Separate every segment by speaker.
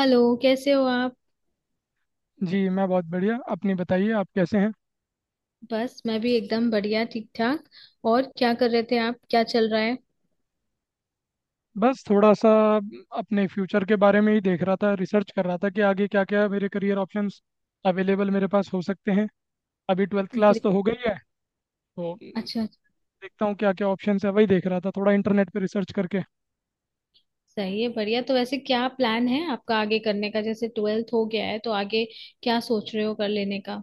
Speaker 1: Hello, कैसे हो आप।
Speaker 2: जी, मैं बहुत बढ़िया। अपनी बताइए, आप कैसे हैं।
Speaker 1: बस मैं भी एकदम बढ़िया, ठीक ठाक। और क्या कर रहे थे आप, क्या चल रहा है।
Speaker 2: बस थोड़ा सा अपने फ्यूचर के बारे में ही देख रहा था, रिसर्च कर रहा था कि आगे क्या क्या मेरे करियर ऑप्शंस अवेलेबल मेरे पास हो सकते हैं। अभी ट्वेल्थ क्लास
Speaker 1: ग्रे-
Speaker 2: तो हो गई है, तो
Speaker 1: अच्छा अच्छा।
Speaker 2: देखता हूँ क्या क्या ऑप्शंस है। वही देख रहा था, थोड़ा इंटरनेट पे रिसर्च करके।
Speaker 1: सही है, बढ़िया। तो वैसे क्या प्लान है आपका आगे करने का, जैसे ट्वेल्थ हो गया है तो आगे क्या सोच रहे हो कर लेने का।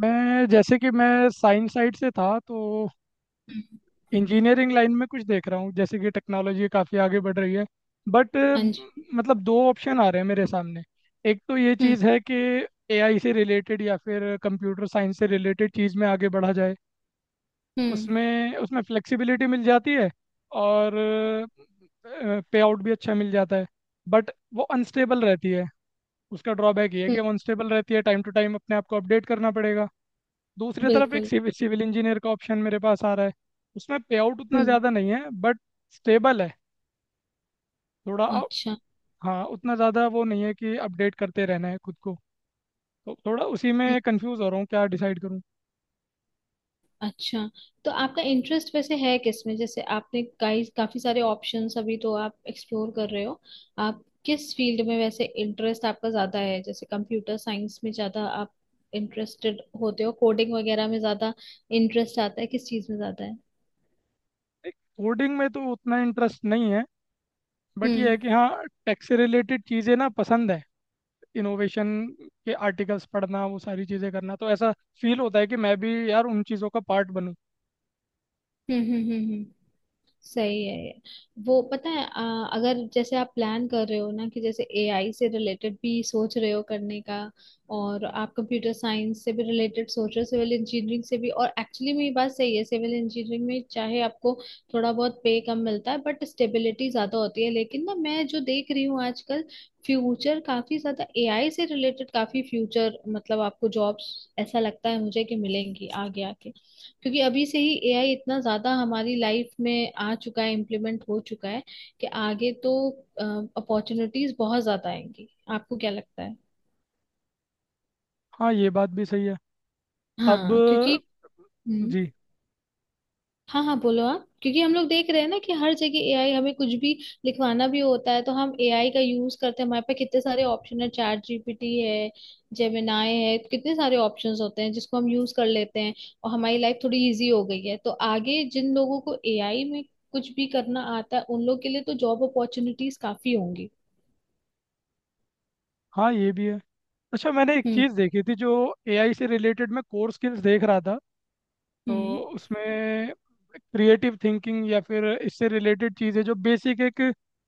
Speaker 2: मैं जैसे कि मैं साइंस साइड से था, तो
Speaker 1: हम्म।
Speaker 2: इंजीनियरिंग लाइन में कुछ देख रहा हूँ। जैसे कि टेक्नोलॉजी काफ़ी आगे बढ़ रही है, बट
Speaker 1: हाँ जी।
Speaker 2: मतलब दो ऑप्शन आ रहे हैं मेरे सामने। एक तो ये
Speaker 1: हम्म।
Speaker 2: चीज़ है कि एआई से रिलेटेड या फिर कंप्यूटर साइंस से रिलेटेड चीज़ में आगे बढ़ा जाए।
Speaker 1: हम्म।
Speaker 2: उसमें उसमें फ्लेक्सिबिलिटी मिल जाती है, और पे आउट भी अच्छा मिल जाता है। बट वो अनस्टेबल रहती है। उसका ड्रॉबैक ये है कि
Speaker 1: हम्म।
Speaker 2: वो अनस्टेबल रहती है, टाइम टू टाइम अपने आप को अपडेट करना पड़ेगा। दूसरी तरफ एक
Speaker 1: बिल्कुल।
Speaker 2: सिविल सिविल इंजीनियर का ऑप्शन मेरे पास आ रहा है। उसमें पे आउट उतना
Speaker 1: हम्म।
Speaker 2: ज़्यादा नहीं है, बट स्टेबल है। थोड़ा अ-
Speaker 1: अच्छा
Speaker 2: हाँ, उतना ज़्यादा वो नहीं है कि अपडेट करते रहना है खुद को। तो थोड़ा उसी में कंफ्यूज हो रहा हूँ क्या डिसाइड करूँ।
Speaker 1: अच्छा, तो आपका इंटरेस्ट वैसे है किसमें, जैसे आपने कई काफी सारे ऑप्शंस अभी तो आप एक्सप्लोर कर रहे हो। आप किस फील्ड में वैसे इंटरेस्ट आपका ज्यादा है, जैसे कंप्यूटर साइंस में ज्यादा आप इंटरेस्टेड होते हो, कोडिंग वगैरह में ज्यादा इंटरेस्ट आता है, किस चीज में ज्यादा है।
Speaker 2: कोडिंग में तो उतना इंटरेस्ट नहीं है, बट ये
Speaker 1: हम्म
Speaker 2: है कि हाँ, टेक से रिलेटेड चीज़ें ना पसंद है। इनोवेशन के आर्टिकल्स पढ़ना, वो सारी चीज़ें करना, तो ऐसा फील होता है कि मैं भी यार उन चीज़ों का पार्ट बनूँ।
Speaker 1: हम्म हम्म हम्म हम्म। सही है ये। वो पता है अगर जैसे आप प्लान कर रहे हो ना कि जैसे एआई से रिलेटेड भी सोच रहे हो करने का, और आप कंप्यूटर साइंस से भी रिलेटेड सोच रहे हो, सिविल इंजीनियरिंग से भी, और एक्चुअली में ये बात सही है सिविल इंजीनियरिंग में चाहे आपको थोड़ा बहुत पे कम मिलता है बट स्टेबिलिटी ज्यादा होती है, लेकिन ना मैं जो देख रही हूँ आजकल फ्यूचर काफी ज्यादा एआई से रिलेटेड, काफी फ्यूचर मतलब आपको जॉब्स ऐसा लगता है मुझे कि मिलेंगी आगे आके, क्योंकि अभी से ही एआई इतना ज्यादा हमारी लाइफ में आ चुका है, इम्प्लीमेंट हो चुका है कि आगे तो अपॉर्चुनिटीज बहुत ज्यादा आएंगी। आपको क्या लगता है।
Speaker 2: हाँ, ये बात भी सही है। अब
Speaker 1: हाँ क्योंकि। हम्म।
Speaker 2: जी,
Speaker 1: हाँ हाँ, बोलो आप, क्योंकि हम लोग देख रहे हैं ना कि हर जगह एआई, हमें कुछ भी लिखवाना भी होता है तो हम एआई का यूज करते हैं, हमारे पे कितने सारे ऑप्शन है, चैट जीपीटी है, जेमिनाई है, कितने सारे ऑप्शंस होते हैं जिसको हम यूज कर लेते हैं और हमारी लाइफ थोड़ी इजी हो गई है। तो आगे जिन लोगों को एआई में कुछ भी करना आता है उन लोग के लिए तो जॉब अपॉर्चुनिटीज काफी होंगी।
Speaker 2: हाँ, ये भी है। अच्छा, मैंने एक
Speaker 1: हम्म
Speaker 2: चीज़ देखी थी जो एआई से रिलेटेड। मैं कोर स्किल्स देख रहा था, तो
Speaker 1: हम्म
Speaker 2: उसमें क्रिएटिव थिंकिंग या फिर इससे रिलेटेड चीज़ें जो बेसिक एक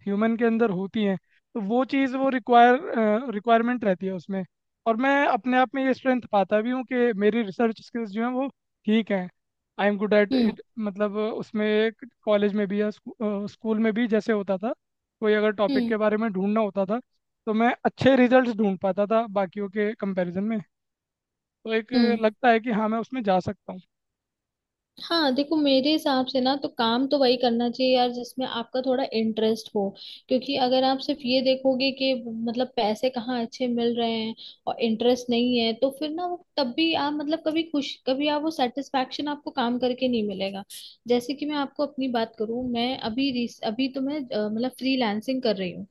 Speaker 2: ह्यूमन के अंदर होती हैं, तो वो चीज़ वो रिक्वायरमेंट रहती है उसमें। और मैं अपने आप में ये स्ट्रेंथ पाता भी हूँ कि मेरी रिसर्च स्किल्स जो हैं वो ठीक हैं। I am good at
Speaker 1: hmm
Speaker 2: it. मतलब उसमें कॉलेज में भी या स्कूल में भी जैसे होता था, कोई अगर टॉपिक
Speaker 1: हम्म
Speaker 2: के बारे में ढूंढना होता था, तो मैं अच्छे रिजल्ट्स ढूंढ पाता था बाकियों के कंपैरिजन में। तो एक
Speaker 1: हम्म।
Speaker 2: लगता है कि हाँ, मैं उसमें जा सकता हूँ।
Speaker 1: हाँ देखो, मेरे हिसाब से ना तो काम तो वही करना चाहिए यार जिसमें आपका थोड़ा इंटरेस्ट हो, क्योंकि अगर आप सिर्फ ये देखोगे कि मतलब पैसे कहाँ अच्छे मिल रहे हैं और इंटरेस्ट नहीं है, तो फिर ना वो तब भी आप मतलब कभी खुश, कभी आप वो सेटिस्फेक्शन आपको काम करके नहीं मिलेगा। जैसे कि मैं आपको अपनी बात करूँ, मैं अभी रिस- अभी तो मैं अ, मतलब फ्रीलांसिंग कर रही हूँ।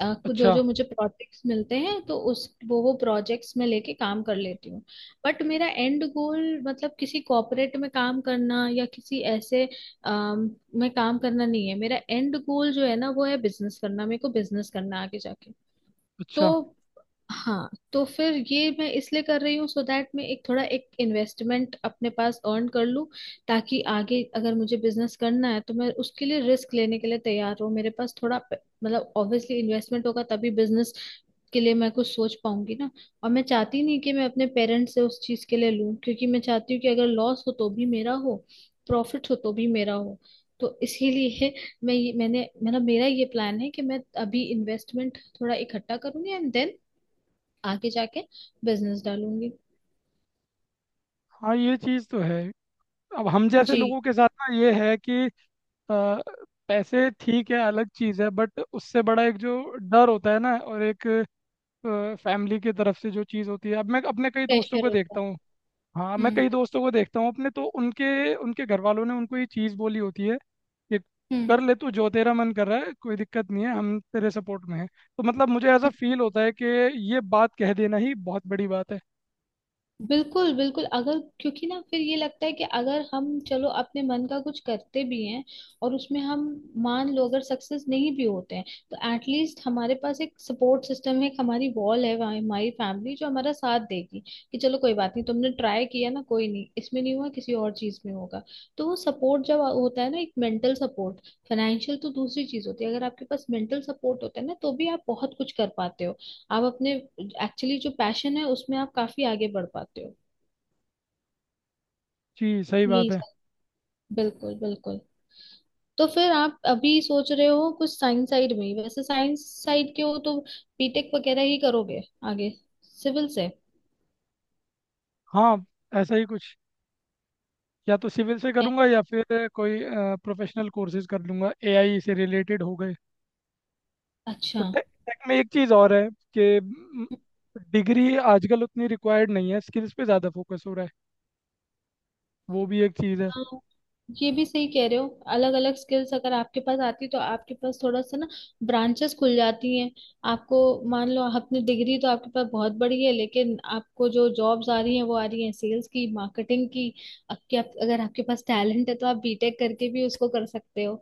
Speaker 1: कुछ जो
Speaker 2: अच्छा
Speaker 1: जो मुझे प्रोजेक्ट्स मिलते हैं तो उस वो प्रोजेक्ट्स में लेके काम कर लेती हूँ। बट मेरा एंड गोल मतलब किसी कॉर्पोरेट में काम करना या किसी ऐसे में काम करना नहीं है। मेरा एंड गोल जो है ना वो है बिजनेस करना, मेरे को बिजनेस करना है आगे जाके।
Speaker 2: अच्छा।
Speaker 1: तो हाँ, तो फिर ये मैं इसलिए कर रही हूँ सो दैट मैं एक थोड़ा एक इन्वेस्टमेंट अपने पास अर्न कर लूँ, ताकि आगे अगर मुझे बिजनेस करना है तो मैं उसके लिए रिस्क लेने के लिए तैयार हूँ। मेरे पास थोड़ा मतलब ऑब्वियसली इन्वेस्टमेंट होगा तभी बिजनेस के लिए मैं कुछ सोच पाऊंगी ना। और मैं चाहती नहीं कि मैं अपने पेरेंट्स से उस चीज के लिए लूं, क्योंकि मैं चाहती हूँ कि अगर लॉस हो तो भी मेरा हो, प्रॉफिट हो तो भी मेरा हो। तो इसीलिए मैं ये मैंने मतलब मेरा ये प्लान है कि मैं अभी इन्वेस्टमेंट थोड़ा इकट्ठा करूंगी एंड देन आगे जाके बिजनेस डालूंगी।
Speaker 2: हाँ, ये चीज़ तो है। अब हम जैसे
Speaker 1: जी।
Speaker 2: लोगों के साथ ना ये है कि अ, पैसे ठीक है, अलग चीज़ है, बट उससे बड़ा एक जो डर होता है ना, और एक फैमिली की तरफ से जो चीज़ होती है। अब मैं अपने कई दोस्तों
Speaker 1: प्रेशर
Speaker 2: को
Speaker 1: होता
Speaker 2: देखता
Speaker 1: है।
Speaker 2: हूँ। हाँ, मैं
Speaker 1: हम्म।
Speaker 2: कई दोस्तों को देखता हूँ अपने, तो उनके उनके घर वालों ने उनको ये चीज़ बोली होती है कि
Speaker 1: हम्म।
Speaker 2: कर ले तू जो तेरा मन कर रहा है, कोई दिक्कत नहीं है, हम तेरे सपोर्ट में हैं। तो मतलब मुझे ऐसा फील होता है कि ये बात कह देना ही बहुत बड़ी बात है।
Speaker 1: बिल्कुल बिल्कुल, अगर क्योंकि ना फिर ये लगता है कि अगर हम चलो अपने मन का कुछ करते भी हैं और उसमें हम मान लो अगर सक्सेस नहीं भी होते हैं, तो एटलीस्ट हमारे पास एक सपोर्ट सिस्टम है, एक हमारी वॉल है वहाँ, हमारी फैमिली जो हमारा साथ देगी कि चलो कोई बात नहीं, तुमने ट्राई किया ना, कोई नहीं, इसमें नहीं हुआ किसी और चीज में होगा। तो वो सपोर्ट जब होता है ना, एक मेंटल सपोर्ट, फाइनेंशियल तो दूसरी चीज होती है, अगर आपके पास मेंटल सपोर्ट होता है ना तो भी आप बहुत कुछ कर पाते हो, आप अपने एक्चुअली जो पैशन है उसमें आप काफी आगे बढ़ पाते हो।
Speaker 2: जी, सही बात
Speaker 1: यही
Speaker 2: है।
Speaker 1: सब। बिल्कुल बिल्कुल। तो फिर आप अभी सोच रहे हो कुछ साइंस साइड में ही, वैसे साइंस साइड के हो तो बीटेक वगैरह ही करोगे आगे, सिविल से।
Speaker 2: हाँ, ऐसा ही कुछ। या तो सिविल से
Speaker 1: ए-
Speaker 2: करूंगा या फिर कोई प्रोफेशनल कोर्सेज कर लूंगा एआई से रिलेटेड हो गए।
Speaker 1: अच्छा।
Speaker 2: और टेक टेक में एक चीज़ और है कि डिग्री आजकल उतनी रिक्वायर्ड नहीं है, स्किल्स पे ज़्यादा फोकस हो रहा है। वो भी एक चीज़ है।
Speaker 1: हाँ। ये भी सही कह रहे हो, अलग अलग स्किल्स अगर आपके पास आती तो आपके पास थोड़ा सा ना ब्रांचेस खुल जाती हैं आपको। मान लो आपने डिग्री तो आपके पास बहुत बड़ी है लेकिन आपको जो जॉब्स आ रही हैं वो आ रही हैं सेल्स की, मार्केटिंग की, अगर आपके पास टैलेंट है तो आप बीटेक करके भी उसको कर सकते हो।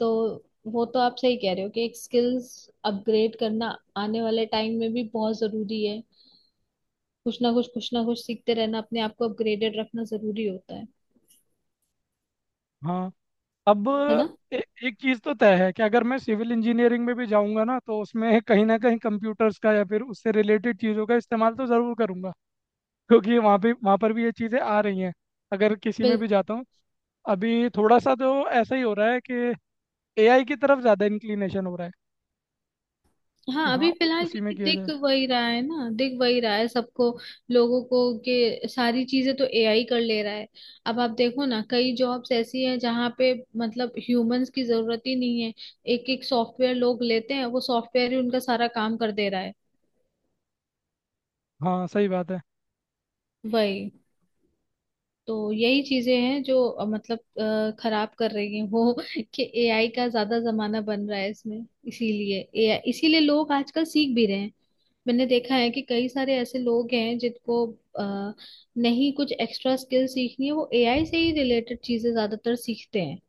Speaker 1: तो वो तो आप सही कह रहे हो कि एक स्किल्स अपग्रेड करना आने वाले टाइम में भी बहुत जरूरी है। कुछ ना कुछ सीखते रहना, अपने आप को अपग्रेडेड रखना जरूरी होता है
Speaker 2: हाँ। अब
Speaker 1: है ना।
Speaker 2: ए, एक चीज़ तो तय है कि अगर मैं सिविल इंजीनियरिंग में भी जाऊंगा ना, तो उसमें कहीं ना कहीं कंप्यूटर्स का या फिर उससे रिलेटेड चीज़ों का इस्तेमाल तो ज़रूर करूंगा, क्योंकि वहाँ पर भी ये चीज़ें आ रही हैं, अगर किसी में
Speaker 1: बिल्कुल।
Speaker 2: भी जाता हूँ। अभी थोड़ा सा तो ऐसा ही हो रहा है कि एआई की तरफ ज़्यादा इंक्लिनेशन हो रहा है कि
Speaker 1: हाँ अभी फिलहाल
Speaker 2: उसी में
Speaker 1: क्योंकि
Speaker 2: किया जाए।
Speaker 1: दिख वही रहा है ना, दिख वही रहा है सबको, लोगों को के सारी चीजें तो एआई कर ले रहा है। अब आप देखो ना कई जॉब्स ऐसी हैं जहाँ पे मतलब ह्यूमंस की जरूरत ही नहीं है, एक एक सॉफ्टवेयर लोग लेते हैं वो सॉफ्टवेयर ही उनका सारा काम कर दे रहा है।
Speaker 2: हाँ, सही बात है।
Speaker 1: वही, तो यही चीजें हैं जो मतलब खराब कर रही हैं वो कि एआई का ज्यादा जमाना बन रहा है इसमें। इसीलिए एआई, इसीलिए लोग आजकल सीख भी रहे हैं। मैंने देखा है कि कई सारे ऐसे लोग हैं जिनको आ, नहीं कुछ एक्स्ट्रा स्किल सीखनी है, वो एआई से ही रिलेटेड चीजें ज्यादातर सीखते हैं,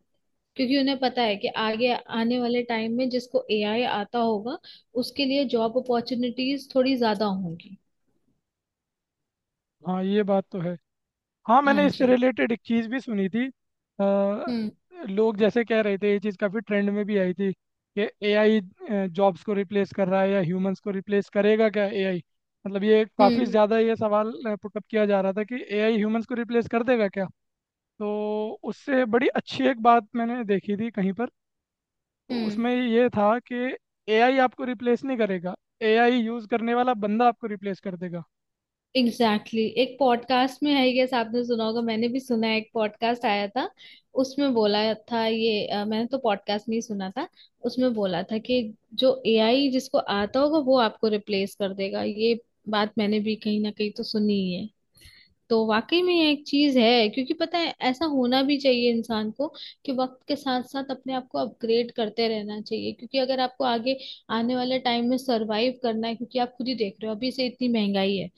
Speaker 1: क्योंकि उन्हें पता है कि आगे आने वाले टाइम में जिसको एआई आता होगा उसके लिए जॉब अपॉर्चुनिटीज थोड़ी ज्यादा होंगी।
Speaker 2: हाँ, ये बात तो है। हाँ,
Speaker 1: हाँ
Speaker 2: मैंने इससे
Speaker 1: जी।
Speaker 2: रिलेटेड एक चीज़ भी सुनी थी। अ,
Speaker 1: हम्म।
Speaker 2: लोग जैसे कह रहे थे, ये चीज़ काफ़ी ट्रेंड में भी आई थी कि एआई जॉब्स को रिप्लेस कर रहा है, या ह्यूमंस को रिप्लेस करेगा क्या एआई। मतलब ये काफ़ी
Speaker 1: हम्म।
Speaker 2: ज़्यादा ये सवाल पुटअप किया जा रहा था कि एआई ह्यूमंस को रिप्लेस कर देगा क्या। तो उससे बड़ी अच्छी एक बात मैंने देखी थी कहीं पर, तो
Speaker 1: हम्म।
Speaker 2: उसमें ये था कि एआई आपको रिप्लेस नहीं करेगा, एआई यूज़ करने वाला बंदा आपको रिप्लेस कर देगा।
Speaker 1: Exactly, exactly। एक पॉडकास्ट में आई गेस आपने सुना होगा, मैंने भी सुना है, एक पॉडकास्ट आया था उसमें बोला था ये, मैंने तो पॉडकास्ट नहीं सुना था, उसमें बोला था कि जो एआई जिसको आता होगा वो आपको रिप्लेस कर देगा। ये बात मैंने भी कहीं ना कहीं तो सुनी ही है। तो वाकई में ये एक चीज है, क्योंकि पता है ऐसा होना भी चाहिए इंसान को कि वक्त के साथ साथ अपने आप को अपग्रेड करते रहना चाहिए, क्योंकि अगर आपको आगे आने वाले टाइम में सरवाइव करना है, क्योंकि आप खुद ही देख रहे हो अभी से इतनी महंगाई है,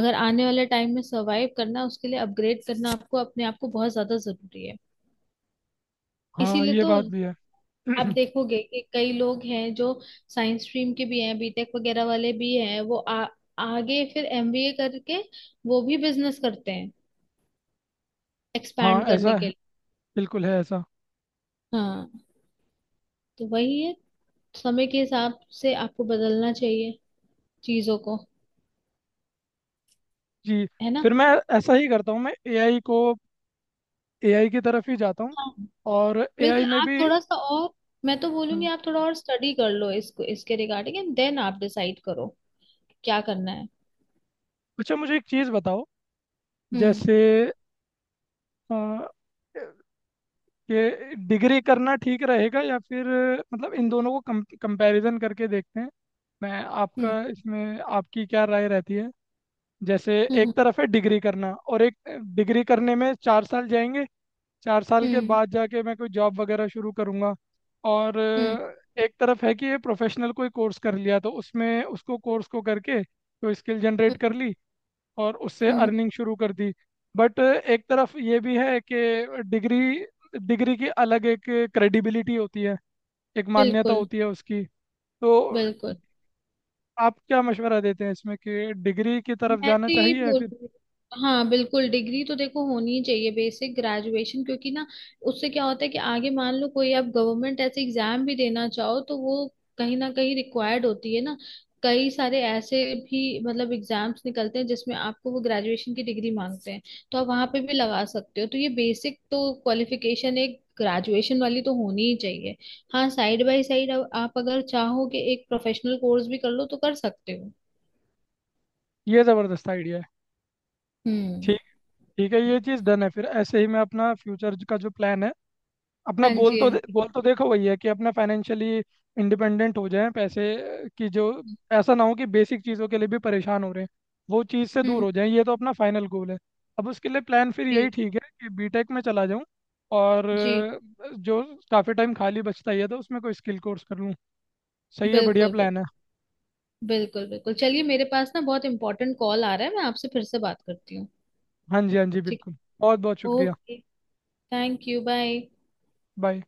Speaker 1: अगर आने वाले टाइम में सरवाइव करना है, उसके लिए अपग्रेड करना आपको अपने आप को बहुत ज्यादा जरूरी है।
Speaker 2: हाँ,
Speaker 1: इसीलिए
Speaker 2: ये
Speaker 1: तो
Speaker 2: बात भी है।
Speaker 1: आप देखोगे कि कई लोग हैं जो साइंस स्ट्रीम के भी हैं, बीटेक वगैरह वाले भी हैं, वो आगे फिर एमबीए करके वो भी बिजनेस करते हैं
Speaker 2: हाँ,
Speaker 1: एक्सपैंड
Speaker 2: ऐसा
Speaker 1: करने
Speaker 2: है,
Speaker 1: के लिए।
Speaker 2: बिल्कुल है ऐसा।
Speaker 1: हाँ। तो वही है, समय के हिसाब से आपको बदलना चाहिए चीजों को,
Speaker 2: जी,
Speaker 1: है ना।
Speaker 2: फिर मैं ऐसा ही करता हूँ, मैं एआई को, एआई की तरफ ही जाता हूँ।
Speaker 1: हाँ
Speaker 2: और
Speaker 1: बिल्कुल,
Speaker 2: एआई में
Speaker 1: आप
Speaker 2: भी
Speaker 1: थोड़ा सा और, मैं तो बोलूंगी
Speaker 2: हम्म।
Speaker 1: आप थोड़ा और स्टडी कर लो इसको, इसके रिगार्डिंग एंड देन आप डिसाइड करो क्या करना है।
Speaker 2: अच्छा, मुझे एक चीज़ बताओ।
Speaker 1: हम्म
Speaker 2: जैसे अ, कि डिग्री करना ठीक रहेगा या फिर, मतलब इन दोनों को कम कंपैरिजन करके देखते हैं। मैं
Speaker 1: हम्म
Speaker 2: आपका इसमें, आपकी क्या राय रहती है। जैसे एक
Speaker 1: हम्म
Speaker 2: तरफ है डिग्री करना, और एक डिग्री करने में 4 साल जाएंगे, 4 साल
Speaker 1: हम्म
Speaker 2: के
Speaker 1: हम्म
Speaker 2: बाद जाके मैं कोई जॉब वगैरह शुरू करूँगा। और
Speaker 1: हम्म
Speaker 2: एक तरफ है कि ये प्रोफेशनल कोई कोर्स कर लिया, तो उसमें उसको कोर्स को करके कोई स्किल
Speaker 1: हम्म
Speaker 2: जनरेट कर ली और उससे
Speaker 1: हम्म।
Speaker 2: अर्निंग शुरू कर दी। बट एक तरफ ये भी है कि डिग्री डिग्री की अलग एक क्रेडिबिलिटी होती है, एक मान्यता
Speaker 1: बिल्कुल
Speaker 2: होती है उसकी। तो
Speaker 1: बिल्कुल,
Speaker 2: आप क्या मशवरा देते हैं इसमें कि डिग्री की तरफ
Speaker 1: मैं
Speaker 2: जाना
Speaker 1: तो यही
Speaker 2: चाहिए या
Speaker 1: बोल
Speaker 2: फिर।
Speaker 1: रही हूँ। हाँ बिल्कुल, डिग्री तो देखो होनी ही चाहिए, बेसिक ग्रेजुएशन, क्योंकि ना उससे क्या होता है कि आगे मान लो कोई आप गवर्नमेंट ऐसे एग्जाम भी देना चाहो तो वो कहीं ना कहीं रिक्वायर्ड होती है ना। कई सारे ऐसे भी मतलब एग्जाम्स निकलते हैं जिसमें आपको वो ग्रेजुएशन की डिग्री मांगते हैं, तो आप वहां पे भी लगा सकते हो। तो ये बेसिक तो क्वालिफिकेशन एक ग्रेजुएशन वाली तो होनी ही चाहिए। हाँ, साइड बाय साइड आप अगर चाहो कि एक प्रोफेशनल कोर्स भी कर लो तो कर सकते हो।
Speaker 2: ये ज़बरदस्त आइडिया है।
Speaker 1: हम्म।
Speaker 2: ठीक, ठीक है, ये चीज़ डन है। फिर ऐसे ही मैं अपना फ्यूचर का जो प्लान है, अपना
Speaker 1: हाँ
Speaker 2: गोल
Speaker 1: जी
Speaker 2: तो
Speaker 1: हाँ जी।
Speaker 2: गोल तो देखो वही है कि अपना फाइनेंशियली इंडिपेंडेंट हो जाएं। पैसे की जो, ऐसा ना हो कि बेसिक चीज़ों के लिए भी परेशान हो रहे हैं, वो चीज़ से दूर
Speaker 1: हम्म।
Speaker 2: हो जाएं। ये तो अपना फाइनल गोल है। अब उसके लिए प्लान फिर
Speaker 1: जी
Speaker 2: यही ठीक है कि बीटेक में चला जाऊं, और
Speaker 1: जी।
Speaker 2: जो काफ़ी टाइम खाली बचता ही है, तो उसमें कोई स्किल कोर्स कर लूँ। सही है, बढ़िया
Speaker 1: बिल्कुल बिल्कुल।
Speaker 2: प्लान है।
Speaker 1: बिल्कुल बिल्कुल, चलिए मेरे पास ना बहुत इंपॉर्टेंट कॉल आ रहा है, मैं आपसे फिर से बात करती हूँ।
Speaker 2: हाँ जी, हाँ जी,
Speaker 1: ठीक।
Speaker 2: बिल्कुल। बहुत बहुत शुक्रिया।
Speaker 1: Okay, thank you, bye.
Speaker 2: Bye.